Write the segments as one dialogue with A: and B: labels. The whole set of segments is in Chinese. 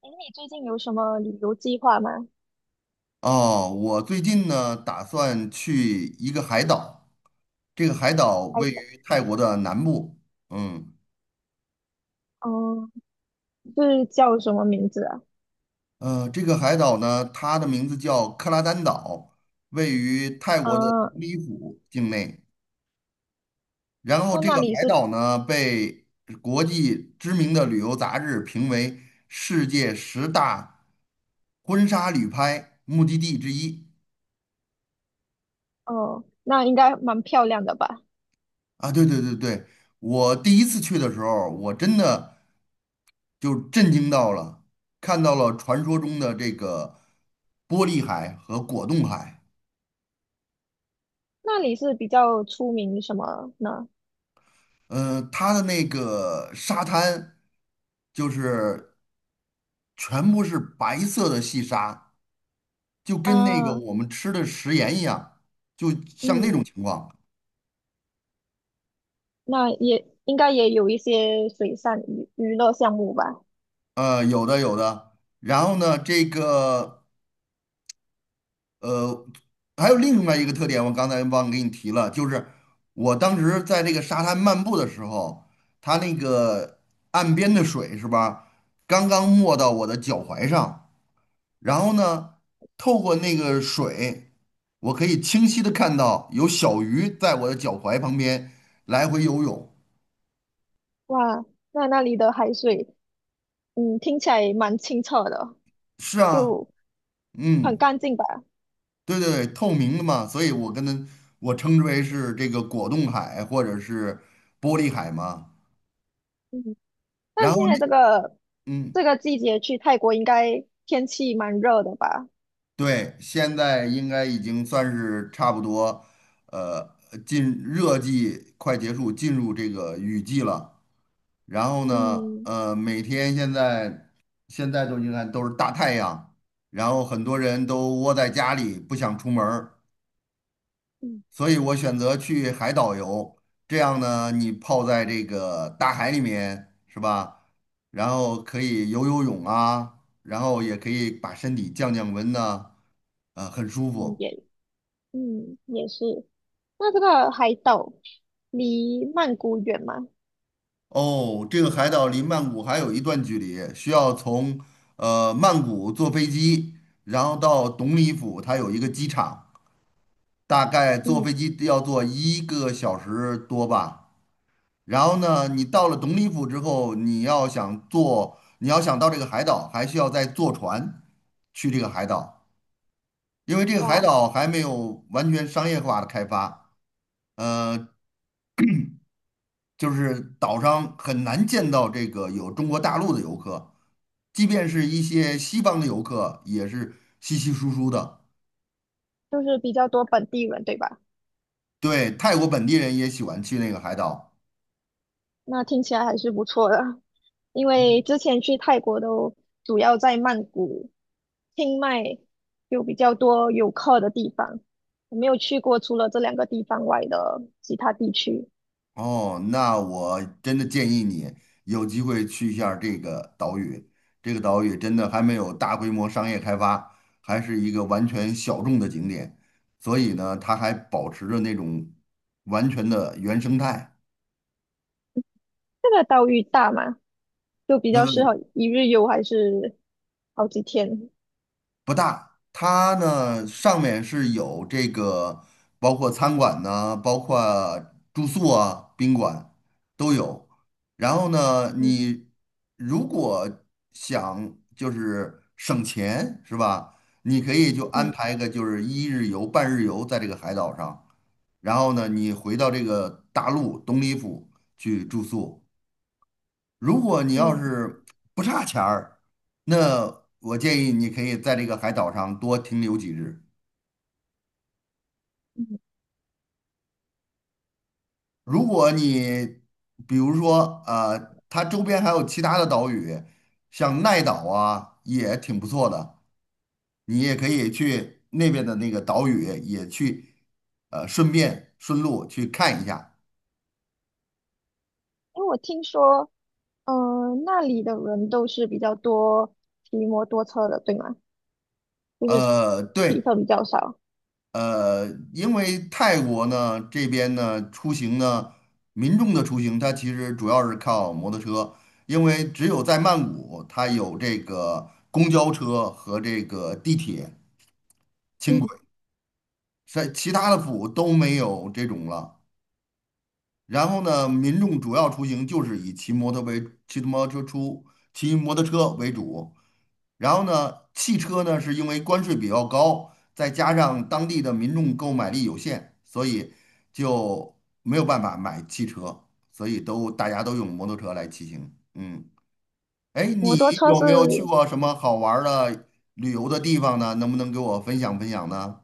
A: 哎，你最近有什么旅游计划吗？
B: 哦，我最近呢打算去一个海岛，这个海岛位
A: 哎，
B: 于泰国的南部。嗯
A: 嗯，是叫什么名字啊？
B: 呃，这个海岛呢，它的名字叫克拉丹岛，位于泰国的董
A: 嗯，
B: 里府境内。然后
A: 那
B: 这
A: 那
B: 个
A: 里
B: 海
A: 是。
B: 岛呢，被国际知名的旅游杂志评为世界十大婚纱旅拍目的地之一。
A: 哦，那应该蛮漂亮的吧？
B: 啊，对对对对，我第一次去的时候，我真的就震惊到了，看到了传说中的这个玻璃海和果冻海。
A: 那里是比较出名什么呢？
B: 嗯，它的那个沙滩就是全部是白色的细沙，就跟那个
A: 啊，
B: 我们吃的食盐一样，就像那种
A: 嗯，
B: 情况。
A: 那也应该也有一些水上娱乐项目吧？
B: 有的有的。然后呢，这个。呃，还有另外一个特点，我刚才忘给你提了，就是我当时在这个沙滩漫步的时候，它那个岸边的水是吧，刚刚没到我的脚踝上。然后呢，透过那个水，我可以清晰的看到有小鱼在我的脚踝旁边来回游泳。
A: 哇，那里的海水，嗯，听起来蛮清澈的，
B: 是啊。
A: 就很
B: 嗯，
A: 干净吧？
B: 对对对，透明的嘛，所以我跟它，我称之为是这个果冻海或者是玻璃海嘛。
A: 嗯，
B: 然
A: 但
B: 后
A: 现在
B: 那。
A: 这个
B: 嗯，
A: 这个季节去泰国应该天气蛮热的吧？
B: 对，现在应该已经算是差不多。呃，进热季快结束，进入这个雨季了。然后呢，
A: 嗯
B: 每天现在都你看都是大太阳，然后很多人都窝在家里不想出门儿，
A: 嗯
B: 所以我选择去海岛游。这样呢，你泡在这个大海里面，是吧？然后可以游游泳啊，然后也可以把身体降降温呐。啊，很舒
A: 嗯，
B: 服。
A: 也是。那这个海岛离曼谷远吗？
B: 哦，这个海岛离曼谷还有一段距离，需要从曼谷坐飞机，然后到董里府，它有一个机场，大概坐
A: 嗯，
B: 飞机要坐一个小时多吧。然后呢，你到了董里府之后，你要想坐，你要想到这个海岛，还需要再坐船去这个海岛，因为这个海
A: 哇，
B: 岛还没有完全商业化的开发。呃，就是岛上很难见到这个有中国大陆的游客，即便是一些西方的游客也是稀稀疏疏的。
A: 就是比较多本地人，对吧？
B: 对，泰国本地人也喜欢去那个海岛。
A: 那听起来还是不错的，因为之前去泰国都主要在曼谷、清迈有比较多游客的地方，我没有去过除了这两个地方外的其他地区。
B: 哦，那我真的建议你有机会去一下儿这个岛屿。这个岛屿真的还没有大规模商业开发，还是一个完全小众的景点，所以呢，它还保持着那种完全的原生态。
A: 这个岛屿大吗？就比较适
B: 呃
A: 合一日游还是好几天？
B: 不大。它呢上面是有这个，包括餐馆呢，包括住宿啊、宾馆都有。然后呢，
A: 嗯
B: 你如果想就是省钱是吧？你可以就安
A: 嗯
B: 排个就是一日游、半日游在这个海岛上，然后呢，你回到这个大陆东里府去住宿。如果你要
A: 嗯。
B: 是不差钱儿，那我建议你可以在这个海岛上多停留几日。
A: 嗯
B: 如果你比如说它周边还有其他的岛屿，像奈岛啊，也挺不错的，你也可以去那边的那个岛屿也去。顺便顺路去看一下。
A: 因为我听说，嗯、那里的人都是比较多骑摩托车的，对吗？就是汽
B: 对。
A: 车比较少。
B: 呃，因为泰国呢这边呢出行呢，民众的出行它其实主要是靠摩托车，因为只有在曼谷它有这个公交车和这个地铁、轻轨，
A: 嗯，
B: 在其他的府都没有这种了。然后呢，民众主要出行就是以骑摩托为骑摩托车出，骑摩托车为主。然后呢，汽车呢是因为关税比较高，再加上当地的民众购买力有限，所以就没有办法买汽车，所以大家都用摩托车来骑行。嗯，哎，
A: 摩
B: 你
A: 托车
B: 有
A: 是。
B: 没有去过什么好玩儿的旅游的地方呢？能不能给我分享分享呢？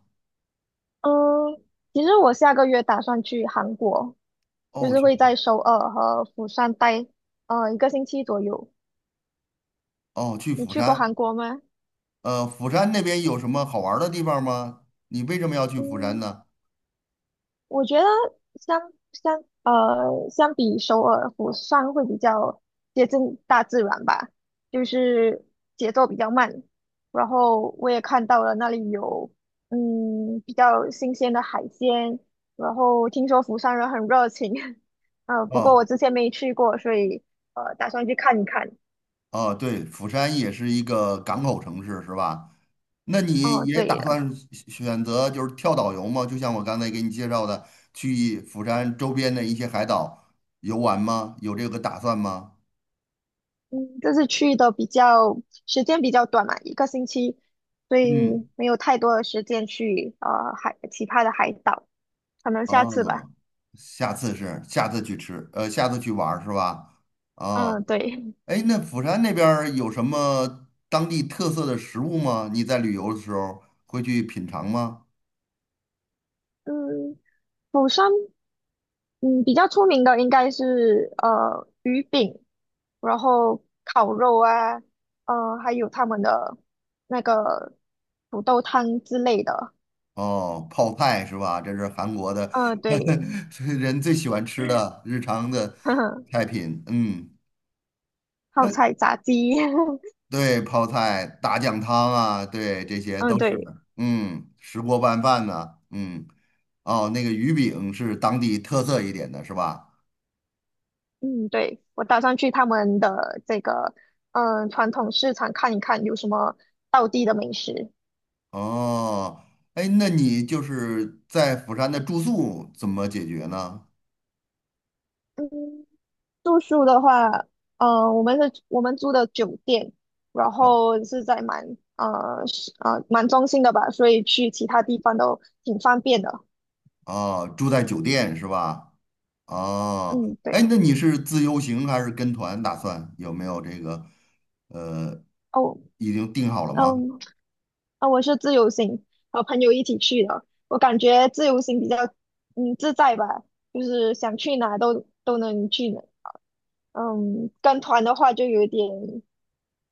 A: 嗯，其实我下个月打算去韩国，就
B: 哦，
A: 是
B: 去
A: 会在首尔和釜山待，一个星期左右。
B: 哦，去
A: 你
B: 釜
A: 去过
B: 山。
A: 韩国吗？
B: 釜山那边有什么好玩儿的地方吗？你为什么要去釜山
A: 嗯，
B: 呢？
A: 我觉得相相相比首尔、釜山会比较接近大自然吧，就是节奏比较慢。然后我也看到了那里有比较新鲜的海鲜，然后听说釜山人很热情。不过
B: 哦
A: 我之前没去过，所以打算去看一看。
B: 哦，对，釜山也是一个港口城市，是吧？那你
A: 哦，
B: 也
A: 对
B: 打
A: 了。
B: 算选择就是跳岛游吗？就像我刚才给你介绍的，去釜山周边的一些海岛游玩吗？有这个打算吗？
A: 嗯，这次去的时间比较短嘛，一个星期，所以
B: 嗯，
A: 没有太多的时间去其他的海岛，可能下次吧。
B: 哦，下次是下次去吃，呃，下次去玩儿是吧？啊、
A: 嗯，对。
B: 哎，那釜山那边儿有什么当地特色的食物吗？你在旅游的时候会去品尝吗？
A: 嗯，釜山，嗯，比较出名的应该是鱼饼，然后烤肉啊，还有他们的那个土豆汤之类的。
B: 哦，泡菜是吧？这是韩国的
A: 嗯，对，
B: 人最喜欢吃的日常的
A: 呵呵，
B: 菜品。嗯，
A: 泡
B: 那
A: 菜炸鸡，
B: 对泡菜、大酱汤啊，对，这 些
A: 嗯，
B: 都是
A: 对。
B: 的。嗯，石锅拌饭呢、嗯，哦，那个鱼饼是当地特色一点的，是吧？
A: 嗯，对，我打算去他们的这个传统市场看一看有什么道地的美食。
B: 哦，哎，那你就是在釜山的住宿怎么解决呢？
A: 嗯，住宿的话，我们租的酒店，然
B: 哦，
A: 后是在蛮中心的吧，所以去其他地方都挺方便的。
B: 啊，住在酒店是吧？哦，
A: 嗯，对，
B: 哎，那你是自由行还是跟团打算？有没有这个呃，
A: 哦，
B: 已经定好了吗？
A: 嗯，啊，我是自由行，和朋友一起去的，我感觉自由行比较自在吧，就是想去哪都能去，嗯，跟团的话就有点，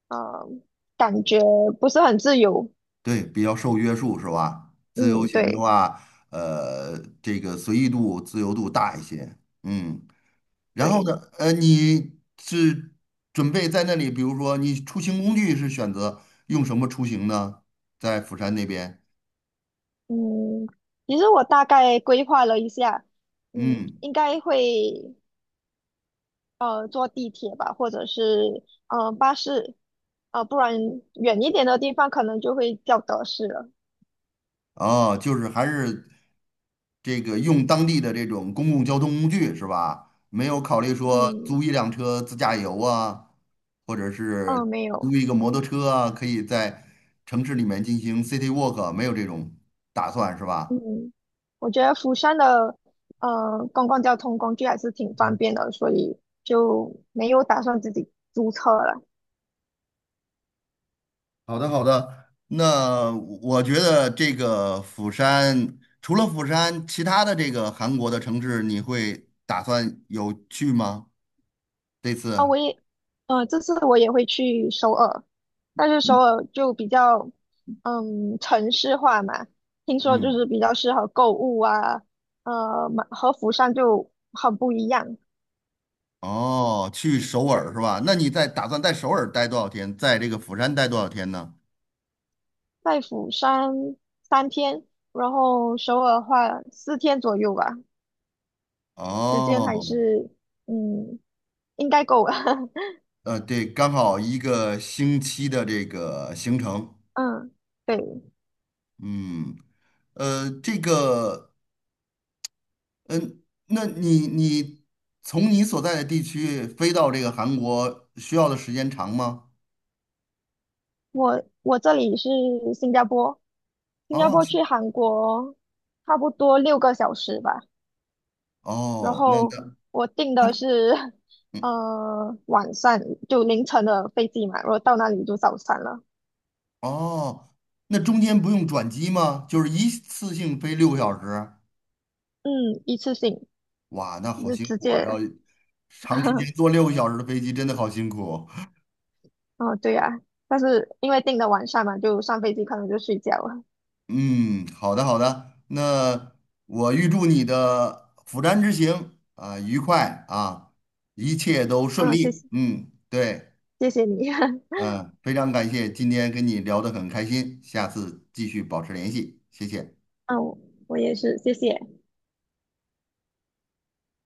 A: 嗯，感觉不是很自由。
B: 对，比较受约束是吧？自由
A: 嗯，
B: 行的
A: 对
B: 话，这个随意度、自由度大一些。嗯，然后呢，
A: 对。
B: 你是准备在那里，比如说你出行工具是选择用什么出行呢？在釜山那边，
A: 嗯，其实我大概规划了一下，嗯，
B: 嗯。
A: 应该会坐地铁吧，或者是巴士，不然远一点的地方可能就会叫德士了。
B: 哦，就是还是这个用当地的这种公共交通工具是吧？没有考虑说租
A: 嗯
B: 一辆车自驾游啊，或者
A: 嗯，
B: 是
A: 没
B: 租
A: 有。
B: 一个摩托车啊，可以在城市里面进行 city walk，没有这种打算是吧？
A: 嗯，我觉得釜山的公共交通工具还是挺方便的，所以就没有打算自己租车了。
B: 好的，好的。那我觉得这个釜山，除了釜山，其他的这个韩国的城市，你会打算有去吗？这
A: 啊，
B: 次？
A: 我也，这次我也会去首尔，但是首尔就比较，嗯，城市化嘛，听说就
B: 嗯。
A: 是比较适合购物啊，嘛和釜山就很不一样。
B: 哦，去首尔是吧？那你在打算在首尔待多少天？在这个釜山待多少天呢？
A: 在釜山3天，然后首尔的话4天左右吧，时间还
B: 哦，
A: 是，嗯，应该够了。
B: 对，刚好一个星期的这个行程。
A: 嗯，对。
B: 嗯，这个，嗯，那你从你所在的地区飞到这个韩国需要的时间长吗？
A: 我这里是新加坡，新加
B: 哦，
A: 坡去韩国差不多6个小时吧。然
B: 哦，那
A: 后
B: 那
A: 我订的是 呃晚上就凌晨的飞机嘛，然后到那里就早餐了。
B: 哦，那中间不用转机吗？就是一次性飞六个小时？
A: 嗯，一次性
B: 哇，那好
A: 就
B: 辛
A: 直
B: 苦啊！
A: 接。
B: 要长时间 坐六个小时的飞机，真的好辛苦。
A: 哦，对呀、但是因为订的晚上嘛，就上飞机可能就睡觉了。
B: 嗯，好的好的，那我预祝你的釜山之行啊、愉快啊，一切都顺
A: 啊、谢
B: 利。
A: 谢
B: 嗯，对，
A: 谢谢你，
B: 嗯、非常感谢今天跟你聊得很开心，下次继续保持联系，谢谢。
A: 嗯、我也是，谢谢。